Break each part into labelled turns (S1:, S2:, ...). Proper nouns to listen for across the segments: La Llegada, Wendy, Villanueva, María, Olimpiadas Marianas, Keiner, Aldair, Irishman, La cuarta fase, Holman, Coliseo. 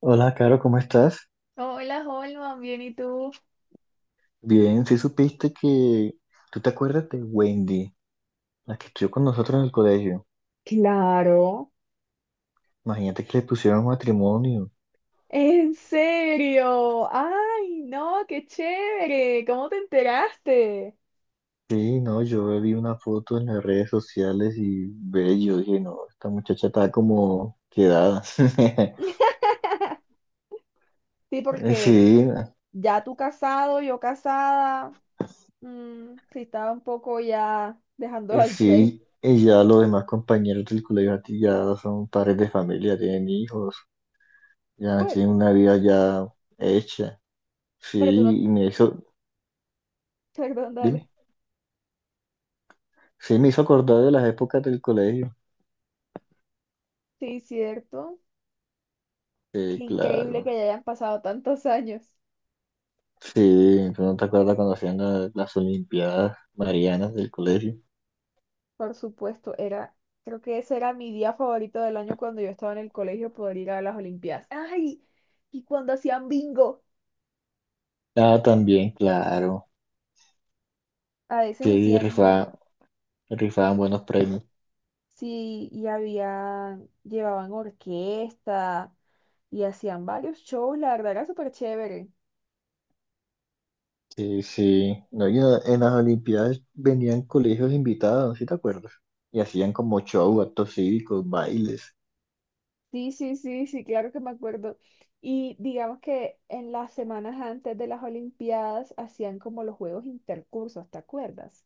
S1: Hola, Caro, ¿cómo estás?
S2: Hola, Holman, bien, ¿y tú?
S1: Bien, sí supiste que... ¿Tú te acuerdas de Wendy, la que estudió con nosotros en el colegio?
S2: Claro.
S1: Imagínate que le pusieron matrimonio.
S2: ¿En serio? ¡Ay, no! ¡Qué chévere! ¿Cómo te enteraste?
S1: Sí, no, yo vi una foto en las redes sociales y ve, yo dije, no, esta muchacha está como quedada.
S2: Sí,
S1: Eh,
S2: porque
S1: Sí,
S2: ya tú casado, yo casada, mm, sí estaba un poco ya dejándolo al tren.
S1: sí, y ya los demás compañeros del colegio a ti ya son padres de familia, tienen hijos, ya
S2: Bueno,
S1: tienen una vida ya hecha.
S2: pero tú no.
S1: Sí, y me hizo...
S2: Perdón,
S1: Dime.
S2: dale.
S1: Sí, me hizo acordar de las épocas del colegio.
S2: Sí, cierto.
S1: Sí,
S2: Qué increíble
S1: claro.
S2: que ya hayan pasado tantos años.
S1: Sí, tú no te acuerdas cuando hacían las Olimpiadas Marianas del colegio.
S2: Por supuesto, era, creo que ese era mi día favorito del año cuando yo estaba en el colegio poder ir a las Olimpiadas. ¡Ay! Y cuando hacían bingo,
S1: Ah, también, claro.
S2: a veces
S1: Sí,
S2: hacían,
S1: rifaban, rifaban buenos premios.
S2: sí, y había, llevaban orquesta y hacían varios shows, la verdad era súper chévere.
S1: Sí, sí. No, y en en las Olimpiadas venían colegios invitados, ¿sí te acuerdas? Y hacían como show, actos cívicos, bailes.
S2: Sí, sí, sí, sí, claro que me acuerdo. Y digamos que en las semanas antes de las Olimpiadas hacían como los juegos intercursos, ¿te acuerdas?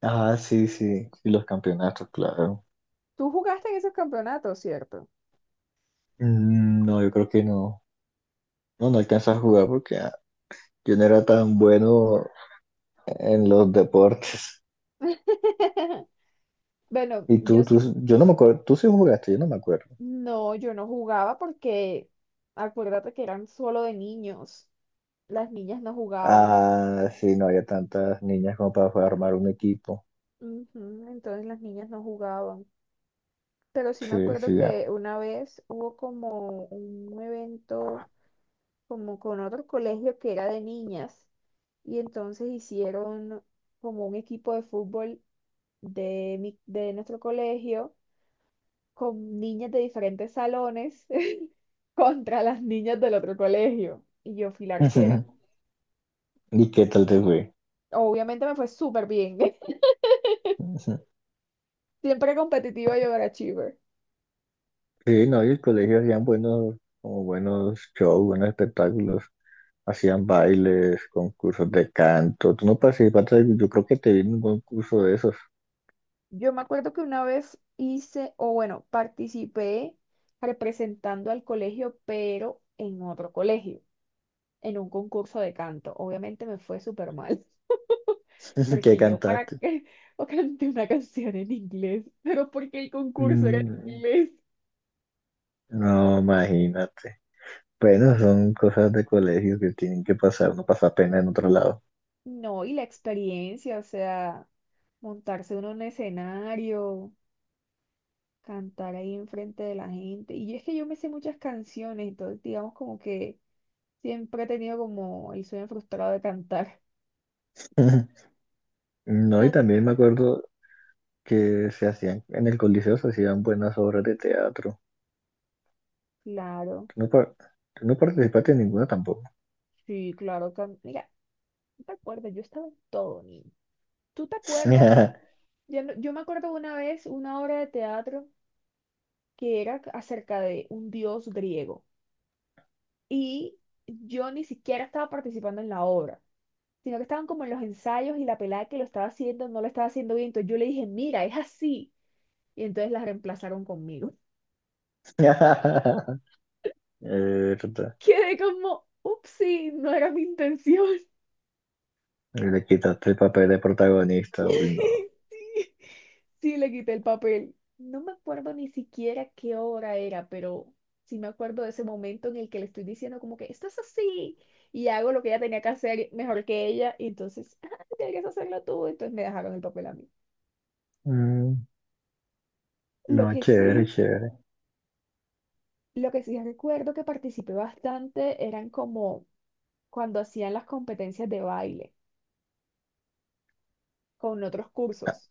S1: Ah, sí, sí. Y los campeonatos, claro.
S2: Tú jugaste en esos campeonatos, ¿cierto?
S1: Mm, no, yo creo que no. No, no alcanzas a jugar porque yo no era tan bueno en los deportes.
S2: Bueno,
S1: Y
S2: yo sí,
S1: yo no me acuerdo, tú sí jugaste, yo no me acuerdo.
S2: no, yo no jugaba porque acuérdate que eran solo de niños. Las niñas no jugaban.
S1: Ah, sí, no había tantas niñas como para poder armar un equipo.
S2: Ujú, entonces las niñas no jugaban. Pero sí me
S1: Sí,
S2: acuerdo
S1: sí,
S2: que
S1: ya.
S2: una vez hubo como un evento como con otro colegio que era de niñas y entonces hicieron como un equipo de fútbol de, de nuestro colegio con niñas de diferentes salones contra las niñas del otro colegio. Y yo fui la arquera.
S1: ¿Y qué tal te fue?
S2: Obviamente me fue súper bien.
S1: Ujú.
S2: Siempre competitiva y overachiever.
S1: Sí, no, y el colegio hacían buenos, como buenos shows, buenos espectáculos. Hacían bailes, concursos de canto. Tú no participaste, yo creo que te vi en un concurso de esos.
S2: Yo me acuerdo que una vez hice, o bueno, participé representando al colegio, pero en otro colegio, en un concurso de canto. Obviamente me fue súper mal.
S1: ¿Qué
S2: Porque yo para
S1: cantaste?
S2: qué o canté una canción en inglés, pero porque el concurso era en
S1: Mm,
S2: inglés.
S1: No, imagínate. Bueno, son cosas de colegio que tienen que pasar, no pasa pena en otro lado.
S2: No, y la experiencia, o sea, montarse uno en un escenario, cantar ahí enfrente de la gente. Y es que yo me sé muchas canciones, entonces digamos como que siempre he tenido como el sueño frustrado de cantar.
S1: No, y
S2: No,
S1: también me acuerdo que se hacían, en el Coliseo se hacían buenas obras de teatro.
S2: claro,
S1: Tú no, tú no participaste en ninguna tampoco.
S2: sí, claro. Mira, ¿tú te acuerdas? Yo estaba en todo, niño. ¿Tú te acuerdas? Yo, no- Yo me acuerdo una vez una obra de teatro que era acerca de un dios griego y yo ni siquiera estaba participando en la obra, sino que estaban como en los ensayos y la pelada que lo estaba haciendo no lo estaba haciendo bien. Entonces yo le dije, mira, es así. Y entonces la reemplazaron conmigo.
S1: Eh, tota,
S2: Quedé como, upsí, no era mi intención.
S1: le quitaste el papel de protagonista, uy, no.
S2: Sí, sí, le quité el papel. No me acuerdo ni siquiera qué hora era, pero sí me acuerdo de ese momento en el que le estoy diciendo como que esto es así y hago lo que ella tenía que hacer mejor que ella y entonces, ah, tienes que hacerlo tú, entonces me dejaron el papel a mí.
S1: Mm,
S2: Lo
S1: no,
S2: que
S1: chévere,
S2: sí
S1: chévere.
S2: Lo que sí recuerdo que participé bastante eran como cuando hacían las competencias de baile con otros
S1: Ah,
S2: cursos.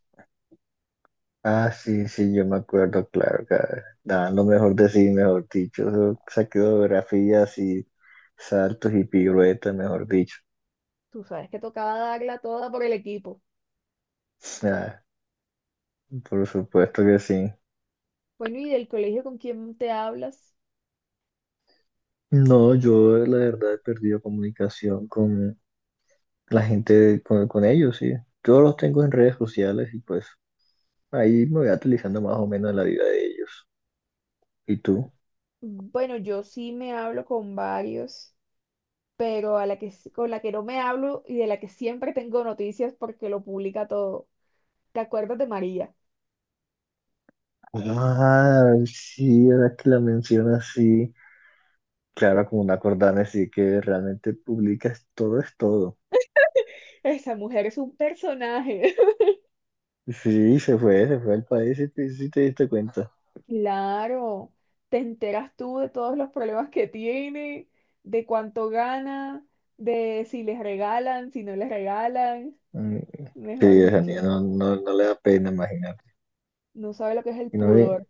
S1: ah, sí, sí, yo me acuerdo, claro, que daban lo mejor de sí, mejor dicho. Eso, esa coreografías y saltos y piruetas, mejor dicho.
S2: Tú sabes que tocaba darla toda por el equipo.
S1: Ah, por supuesto que sí.
S2: Bueno, ¿y del colegio con quién te hablas?
S1: No, yo la verdad he perdido comunicación con la gente, con ellos, sí. Yo los tengo en redes sociales y pues ahí me voy actualizando más o menos en la vida de ellos. ¿Y tú?
S2: Bueno, yo sí me hablo con varios, pero a la que, con la que no me hablo y de la que siempre tengo noticias porque lo publica todo. ¿Te acuerdas de María?
S1: Ah, sí, ahora que la mencionas, sí. Claro, como una cordana, sí que realmente publicas todo es todo.
S2: Esa mujer es un personaje.
S1: Sí, se fue al país y te, sí te diste cuenta.
S2: Claro, te enteras tú de todos los problemas que tiene, de cuánto gana, de si les regalan, si no les regalan,
S1: Mm, sí,
S2: mejor
S1: esa niña
S2: dicho,
S1: no, no, no le da pena imaginar.
S2: no sabe lo que es el
S1: Y no,
S2: pudor.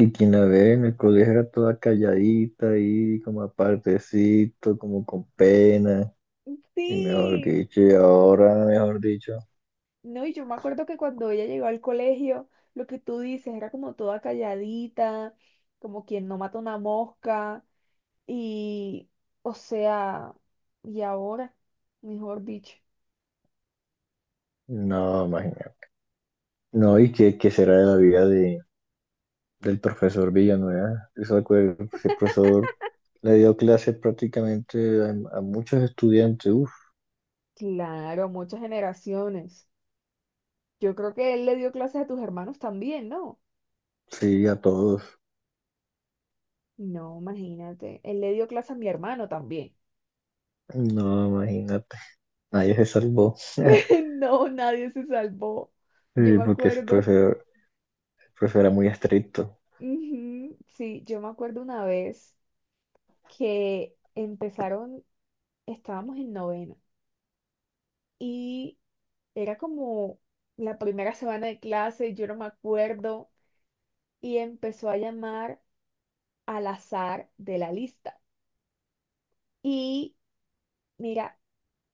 S1: y quien la ve en el colegio era toda calladita ahí, como apartecito, como con pena, y mejor
S2: Sí,
S1: dicho, y ahora, mejor dicho,
S2: no, y yo me acuerdo que cuando ella llegó al colegio, lo que tú dices era como toda calladita, como quien no mata una mosca, y, o sea, y ahora, mejor dicho,
S1: no, imagínate. No, y qué, qué será de la vida de, del profesor Villanueva. Eso ese profesor le dio clases prácticamente a muchos estudiantes, uff,
S2: claro, muchas generaciones. Yo creo que él le dio clases a tus hermanos también, ¿no?
S1: sí, a todos.
S2: No, imagínate. Él le dio clases a mi hermano también.
S1: No, imagínate, nadie se salvó.
S2: No, nadie se salvó. Yo
S1: Sí,
S2: me
S1: porque ese
S2: acuerdo.
S1: profesor, el profesor era muy estricto.
S2: Ujú, sí, yo me acuerdo una vez que empezaron, estábamos en novena y era como la primera semana de clase, yo no me acuerdo, y empezó a llamar al azar de la lista. Y mira,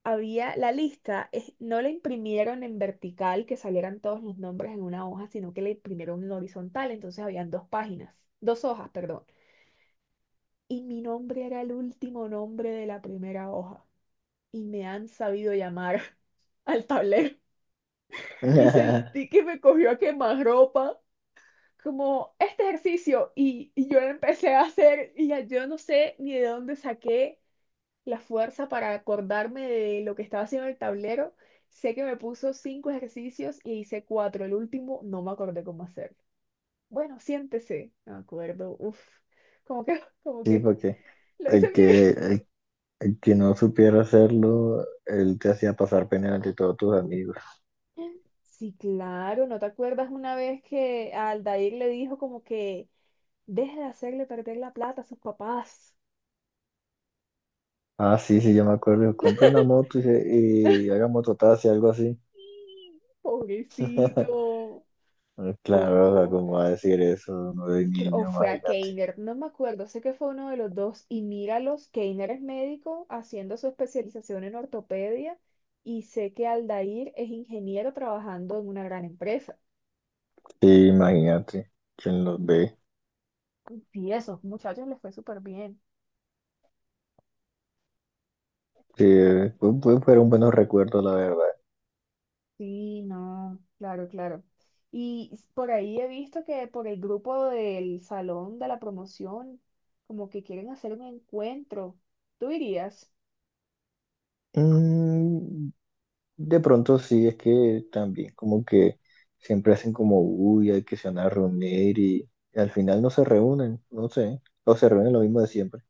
S2: había la lista, no la imprimieron en vertical que salieran todos los nombres en una hoja, sino que la imprimieron en horizontal, entonces habían dos páginas, dos hojas, perdón. Y mi nombre era el último nombre de la primera hoja. Y me han sabido llamar al tablero. Y sentí que me cogió a quemarropa, como este ejercicio. Y yo lo empecé a hacer y ya yo no sé ni de dónde saqué la fuerza para acordarme de lo que estaba haciendo en el tablero. Sé que me puso 5 ejercicios y hice 4. El último no me acordé cómo hacerlo. Bueno, siéntese. No me acuerdo. Uf, como que, como
S1: Sí,
S2: que
S1: porque
S2: lo hice
S1: el que, el que no supiera hacerlo, él te hacía pasar pena ante todos tus amigos.
S2: bien. Sí, claro, ¿no te acuerdas una vez que a Aldair le dijo como que deje de hacerle perder la plata a sus papás?
S1: Ah, sí, sí, yo me acuerdo. Compré una moto y, y haga mototaxi, algo así.
S2: Pobrecito.
S1: Claro, o sea,
S2: No.
S1: ¿cómo va a decir eso? No de
S2: O
S1: niño,
S2: fue a
S1: imagínate.
S2: Keiner, no me acuerdo, sé que fue uno de los dos, y míralos, Keiner es médico haciendo su especialización en ortopedia, y sé que Aldair es ingeniero trabajando en una gran empresa.
S1: Sí, imagínate. ¿Quién los ve?
S2: Y esos muchachos les fue súper bien.
S1: Sí, fueron buenos recuerdos, la verdad.
S2: Sí, no, claro, claro. Y por ahí he visto que por el grupo del salón de la promoción, como que quieren hacer un encuentro. ¿Tú irías?
S1: Mm, de pronto sí, es que también como que siempre hacen como uy, hay que se van a reunir y al final no se reúnen, no sé. O se reúnen lo mismo de siempre.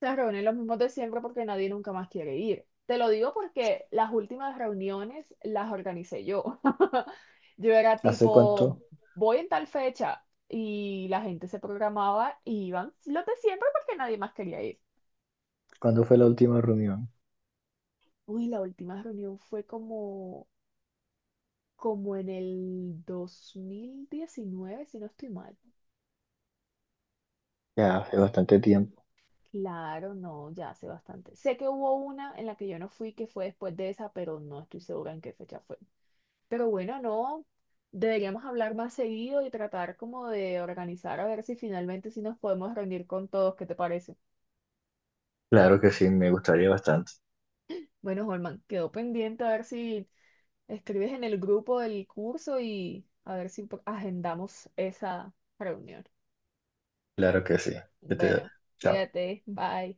S2: Se reúnen los mismos de siempre porque nadie nunca más quiere ir. Te lo digo porque las últimas reuniones las organicé yo. Yo era
S1: ¿Hace cuánto?
S2: tipo, voy en tal fecha y la gente se programaba y iban los de siempre porque nadie más quería ir.
S1: ¿Cuándo fue la última reunión?
S2: Uy, la última reunión fue como, como en el 2019, si no estoy mal.
S1: Ya, hace bastante tiempo.
S2: Claro, no, ya hace bastante. Sé que hubo una en la que yo no fui, que fue después de esa, pero no estoy segura en qué fecha fue. Pero bueno, no, deberíamos hablar más seguido y tratar como de organizar a ver si finalmente sí nos podemos reunir con todos, ¿qué te parece?
S1: Claro que sí, me gustaría bastante.
S2: Bueno, Holman, quedó pendiente a ver si escribes en el grupo del curso y a ver si agendamos esa reunión.
S1: Claro que sí. Que te-
S2: Bueno,
S1: Chao.
S2: cuídate, bye.